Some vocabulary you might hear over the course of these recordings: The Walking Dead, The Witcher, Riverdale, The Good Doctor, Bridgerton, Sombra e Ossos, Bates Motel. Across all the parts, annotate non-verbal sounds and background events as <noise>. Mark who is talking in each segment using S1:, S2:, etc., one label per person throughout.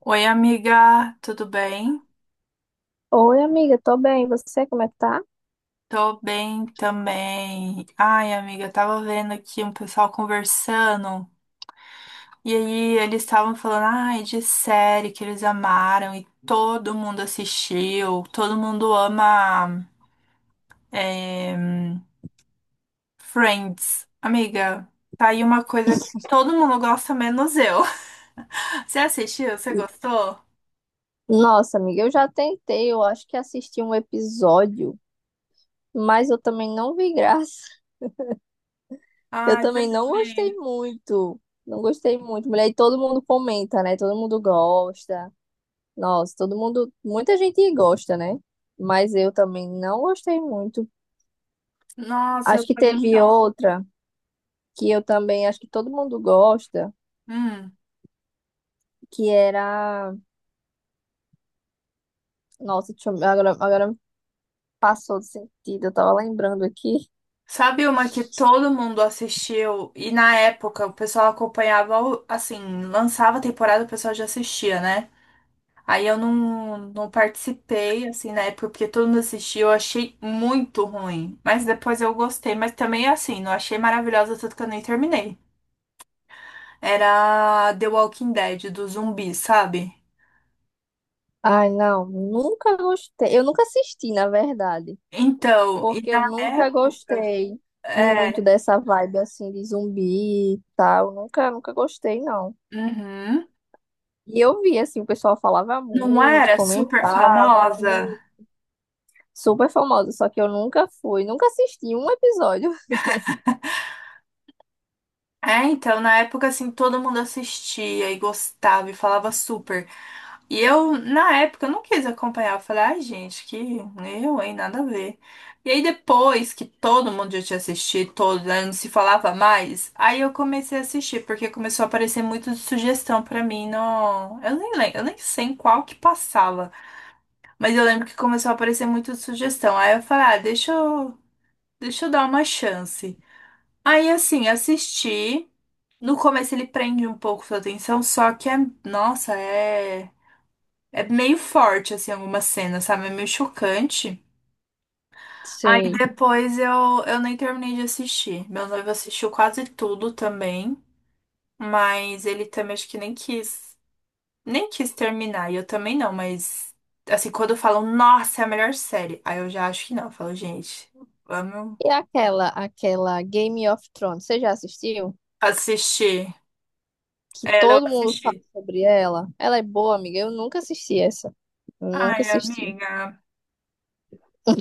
S1: Oi, amiga, tudo bem?
S2: Oi, amiga, tô bem. E você, como é que tá?
S1: Tô bem também. Ai, amiga, tava vendo aqui um pessoal conversando e aí eles estavam falando, ai, de série que eles amaram e todo mundo assistiu, todo mundo ama é, Friends. Amiga, tá aí uma coisa que todo mundo gosta, menos eu. <laughs> Você assistiu? Você gostou?
S2: Nossa, amiga, eu já tentei, eu acho que assisti um episódio, mas eu também não vi graça. Eu
S1: Ai, você
S2: também não gostei
S1: também.
S2: muito. Não gostei muito. Mulher, e todo mundo comenta, né? Todo mundo gosta. Nossa, todo mundo. Muita gente gosta, né? Mas eu também não gostei muito.
S1: Nossa, eu
S2: Acho que
S1: também
S2: teve
S1: não.
S2: outra que eu também acho que todo mundo gosta,
S1: Hum.
S2: que era. Nossa, deixa eu... agora passou do sentido. Eu tava lembrando aqui.
S1: Sabe uma que todo mundo assistiu e na época o pessoal acompanhava, assim, lançava a temporada, o pessoal já assistia, né? Aí eu não participei, assim, na época, porque todo mundo assistiu, eu achei muito ruim. Mas depois eu gostei, mas também, assim, não achei maravilhosa, tanto que eu nem terminei. Era The Walking Dead, do zumbi, sabe?
S2: Ai, não, nunca gostei. Eu nunca assisti, na verdade.
S1: Então, e
S2: Porque
S1: na
S2: eu nunca
S1: época,
S2: gostei muito
S1: é,
S2: dessa vibe assim de zumbi e tal. Nunca, nunca gostei, não.
S1: uhum,
S2: E eu vi, assim, o pessoal falava
S1: não
S2: muito,
S1: era super
S2: comentava,
S1: famosa?
S2: e super famosa, só que eu nunca fui, nunca assisti um episódio.
S1: É, então, na época, assim, todo mundo assistia e gostava e falava super. E eu, na época, eu não quis acompanhar. Eu falei, ai, gente, que eu, hein, nada a ver. E aí, depois que todo mundo já tinha assistido, todo, né, não se falava mais, aí eu comecei a assistir, porque começou a aparecer muito de sugestão pra mim no... Eu nem lembro, eu nem sei em qual que passava, mas eu lembro que começou a aparecer muito de sugestão. Aí eu falei, ah, deixa eu dar uma chance. Aí, assim, assisti. No começo ele prende um pouco sua atenção, só que é, nossa, é meio forte, assim, algumas cenas, sabe? É meio chocante. Aí
S2: Sim.
S1: depois eu nem terminei de assistir. Meu noivo assistiu quase tudo também, mas ele também acho que nem quis, nem quis terminar, e eu também não, mas assim, quando falam, nossa, é a melhor série, aí eu já acho que não, eu falo, gente, vamos
S2: E aquela Game of Thrones, você já assistiu?
S1: assistir.
S2: Que
S1: Ela eu
S2: todo mundo fala
S1: assisti.
S2: sobre ela. Ela é boa, amiga. Eu nunca assisti essa. Eu nunca
S1: Ai,
S2: assisti.
S1: amiga,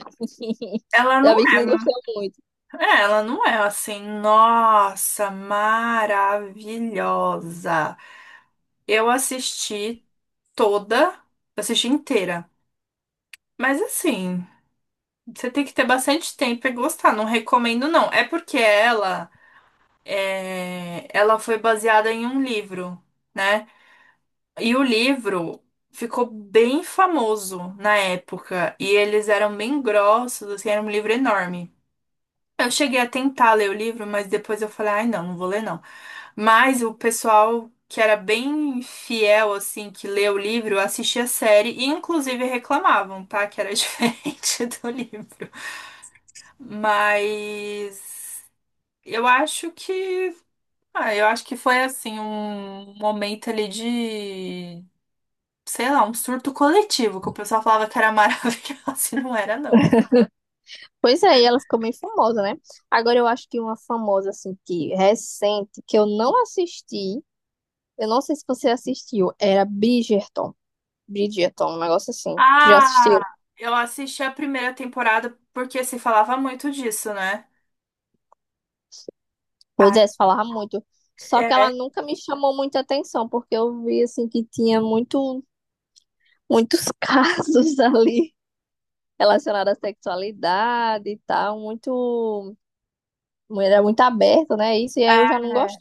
S2: <laughs>
S1: ela
S2: Já
S1: não
S2: vi que não
S1: é.
S2: gostou muito.
S1: É, ela não é assim, nossa, maravilhosa. Eu assisti toda, eu assisti inteira. Mas assim, você tem que ter bastante tempo e gostar, não recomendo não. É porque ela é, ela foi baseada em um livro, né? E o livro ficou bem famoso na época e eles eram bem grossos, assim, era um livro enorme. Eu cheguei a tentar ler o livro, mas depois eu falei, ai, não vou ler não. Mas o pessoal que era bem fiel, assim, que lê o livro, assistia a série e inclusive reclamavam, tá? Que era <laughs> diferente do livro. Mas eu acho que. Ah, eu acho que foi assim, um momento ali de. Sei lá, um surto coletivo, que o pessoal falava que era maravilhoso <laughs> e não era, não.
S2: Pois é, e ela ficou meio famosa, né? Agora eu acho que uma famosa, assim, que recente, que eu não assisti, eu não sei se você assistiu, era Bridgerton. Bridgerton, um negócio assim. Tu já assistiu?
S1: Ah, eu assisti a primeira temporada porque se falava muito disso, né?
S2: Pois
S1: Ah,
S2: é, se falava muito. Só que
S1: é.
S2: ela nunca me chamou muita atenção, porque eu vi, assim, que tinha muito, muitos <laughs> casos ali relacionados à sexualidade e tal, muito, era muito aberto, né? Isso, e aí
S1: É,
S2: eu já não gosto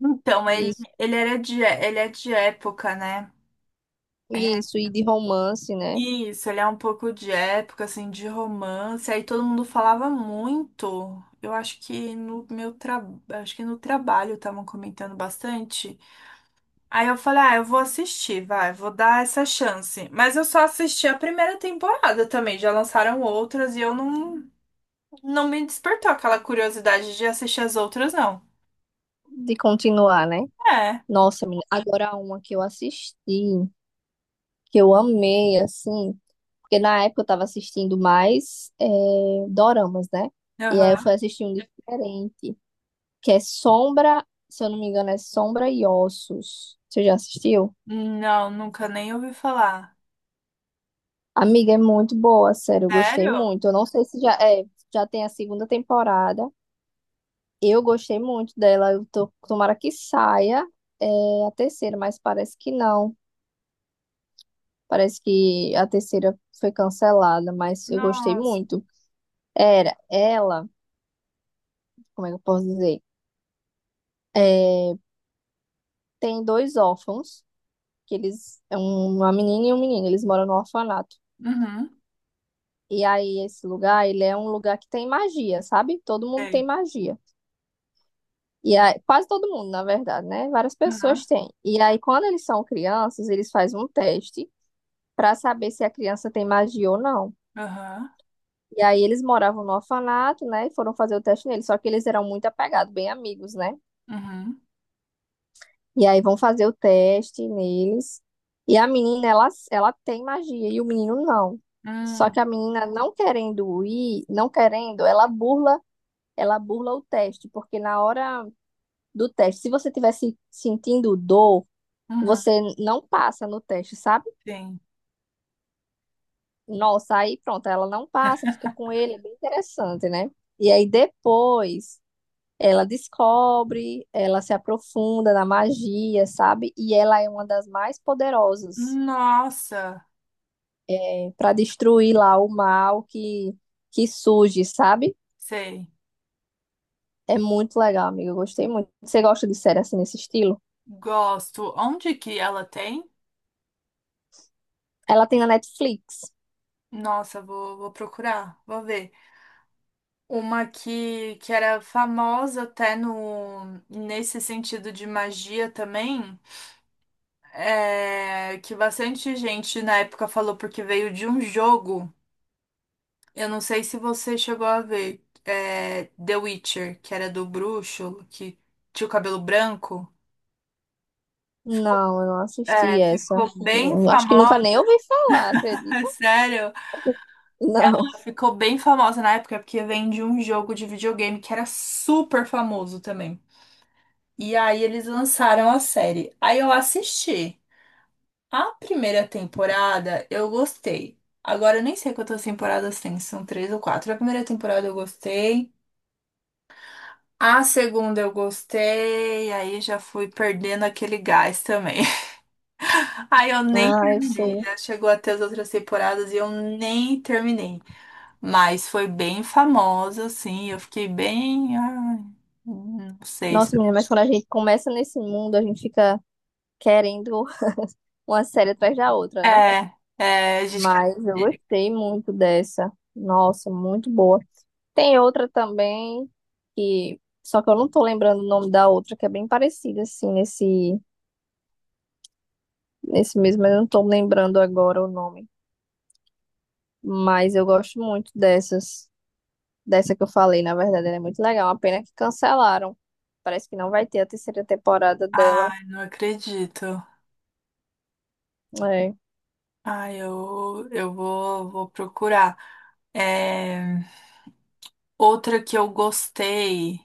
S1: então, ele,
S2: disso,
S1: ele era de, ele é de época, né? Ele é-
S2: isso, e de romance, né?
S1: Isso, ele é um pouco de época, assim, de romance. Aí todo mundo falava muito. Eu acho que no meu trabalho, acho que no trabalho estavam comentando bastante. Aí eu falei, ah, eu vou assistir, vai, vou dar essa chance. Mas eu só assisti a primeira temporada também. Já lançaram outras e eu não, não me despertou aquela curiosidade de assistir as outras, não.
S2: De continuar, né?
S1: É.
S2: Nossa, menina, agora uma que eu assisti, que eu amei, assim, porque na época eu tava assistindo mais doramas, né? E aí eu
S1: Aham.
S2: fui assistir um diferente, que é Sombra, se eu não me engano, é Sombra e Ossos. Você já assistiu?
S1: Não, nunca nem ouvi falar.
S2: Amiga, é muito boa, sério, eu gostei
S1: Sério?
S2: muito. Eu não sei se já é, já tem a segunda temporada. Eu gostei muito dela, eu tô, tomara que saia a terceira, mas parece que não. Parece que a terceira foi cancelada, mas eu gostei
S1: Nossa.
S2: muito. Era ela, como é que eu posso dizer? É, tem dois órfãos, que eles, uma menina e um menino, eles moram no orfanato.
S1: Uhum.
S2: E aí esse lugar, ele é um lugar que tem magia, sabe? Todo mundo
S1: Sei.
S2: tem magia. E aí, quase todo mundo, na verdade, né? Várias pessoas
S1: Aham.
S2: têm. E aí quando eles são crianças, eles fazem um teste para saber se a criança tem magia ou não.
S1: Aham.
S2: E aí eles moravam no orfanato, né? E foram fazer o teste neles. Só que eles eram muito apegados, bem amigos, né?
S1: Uhum.
S2: E aí vão fazer o teste neles. E a menina, ela tem magia e o menino não. Só
S1: Hum.
S2: que a menina não querendo ir, não querendo, ela burla o teste, porque na hora do teste, se você tivesse sentindo dor,
S1: Uhum.
S2: você não passa no teste, sabe?
S1: Sim.
S2: Nossa, aí pronto, ela não passa, fica com ele, é bem interessante, né? E aí depois ela descobre, ela se aprofunda na magia, sabe? E ela é uma das mais poderosas
S1: Nossa.
S2: para destruir lá o mal que surge, sabe?
S1: Sei.
S2: É muito legal, amiga. Eu gostei muito. Você gosta de série assim nesse estilo?
S1: Gosto. Onde que ela tem?
S2: Ela tem na Netflix.
S1: Nossa, vou procurar, vou ver. Uma que era famosa até no, nesse sentido de magia também. É, que bastante gente na época falou porque veio de um jogo. Eu não sei se você chegou a ver, é, The Witcher, que era do bruxo, que tinha o cabelo branco.
S2: Não, eu não assisti
S1: É,
S2: essa.
S1: ficou bem
S2: Eu acho que nunca
S1: famosa,
S2: nem ouvi falar, acredita?
S1: <laughs> sério.
S2: Não.
S1: Ficou bem famosa na época porque vem de um jogo de videogame que era super famoso também. E aí eles lançaram a série. Aí eu assisti. A primeira temporada eu gostei. Agora eu nem sei quantas temporadas tem, se são três ou quatro. A primeira temporada eu gostei. A segunda eu gostei, aí já fui perdendo aquele gás também. <laughs> Aí eu nem
S2: Ah, eu
S1: terminei,
S2: sei.
S1: já chegou até as outras temporadas e eu nem terminei. Mas foi bem famosa, assim, eu fiquei bem. Ai, não sei.
S2: Nossa, menina, mas quando a gente começa nesse mundo, a gente fica querendo uma série atrás da outra, né?
S1: É, é, a gente quer.
S2: Mas eu gostei muito dessa. Nossa, muito boa. Tem outra também que só que eu não tô lembrando o nome da outra que é bem parecida assim nesse nesse mesmo, mas eu não tô lembrando agora o nome. Mas eu gosto muito dessas, dessa que eu falei, na verdade, ela é muito legal. Uma pena que cancelaram. Parece que não vai ter a terceira temporada dela.
S1: Ai, não acredito.
S2: É,
S1: Ai, eu vou, vou procurar. É, outra que eu gostei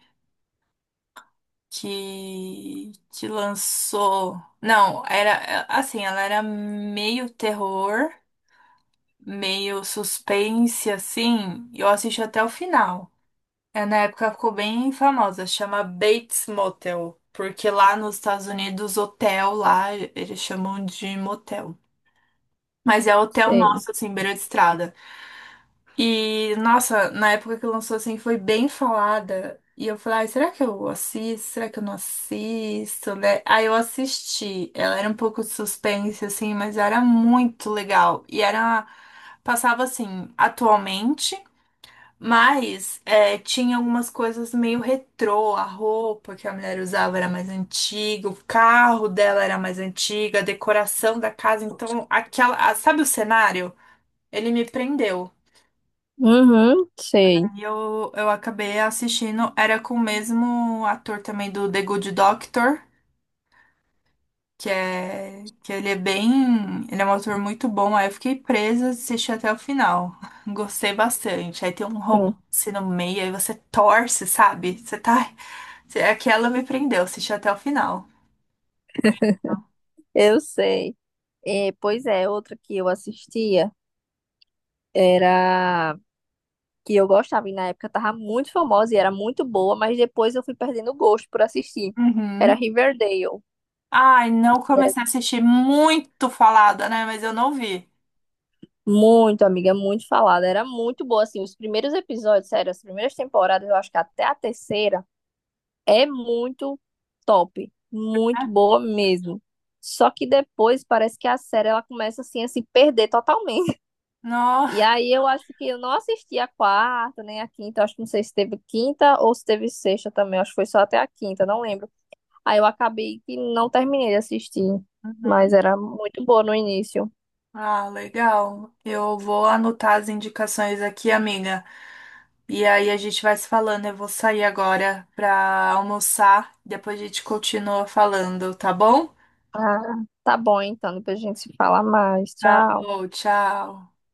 S1: que lançou. Não, era é, assim, ela era meio terror, meio suspense, assim. Eu assisti até o final. É, na época ficou bem famosa, chama Bates Motel. Porque lá nos Estados Unidos, hotel lá, eles chamam de motel. Mas é hotel
S2: sei.
S1: nosso, assim, beira de estrada. E, nossa, na época que lançou, assim, foi bem falada. E eu falei, ai, será que eu assisto? Será que eu não assisto, né? Aí eu assisti. Ela era um pouco de suspense, assim, mas era muito legal. E era... Passava, assim, atualmente, mas é, tinha algumas coisas meio retrô. A roupa que a mulher usava era mais antiga, o carro dela era mais antiga, a decoração da casa. Então, aquela... Sabe o cenário? Ele me prendeu.
S2: Uhum, sei.
S1: E eu acabei assistindo, era com o mesmo ator também do The Good Doctor, que é que ele é bem, ele é um ator muito bom. Aí eu fiquei presa, assisti até o final. <laughs> Gostei bastante. Aí tem um
S2: Hum.
S1: romance no meio, aí você torce, sabe? Você tá, você- aquela me prendeu, assisti até o final. Bem legal.
S2: Eu sei. É, pois é, outra que eu assistia era que eu gostava e na época tava muito famosa e era muito boa, mas depois eu fui perdendo o gosto por assistir. Era
S1: Uhum.
S2: Riverdale,
S1: Ai, não
S2: que era
S1: comecei a assistir muito falada, né? Mas eu não vi.
S2: muito, amiga, muito falada, era muito boa assim, os primeiros episódios, sério, as primeiras temporadas, eu acho que até a terceira é muito top, muito
S1: Né?
S2: boa mesmo. Só que depois parece que a série ela começa assim a se perder totalmente. <laughs>
S1: Não.
S2: E aí eu acho que eu não assisti a quarta, nem a quinta, eu acho que não sei se teve quinta ou se teve sexta também, eu acho que foi só até a quinta, não lembro. Aí eu acabei que não terminei de assistir, mas
S1: Uhum.
S2: era muito boa no início.
S1: Ah, legal. Eu vou anotar as indicações aqui, amiga. E aí a gente vai se falando. Eu vou sair agora pra almoçar. Depois a gente continua falando, tá bom?
S2: Ah, tá bom então, depois a gente se fala mais.
S1: Tá
S2: Tchau.
S1: bom, tchau.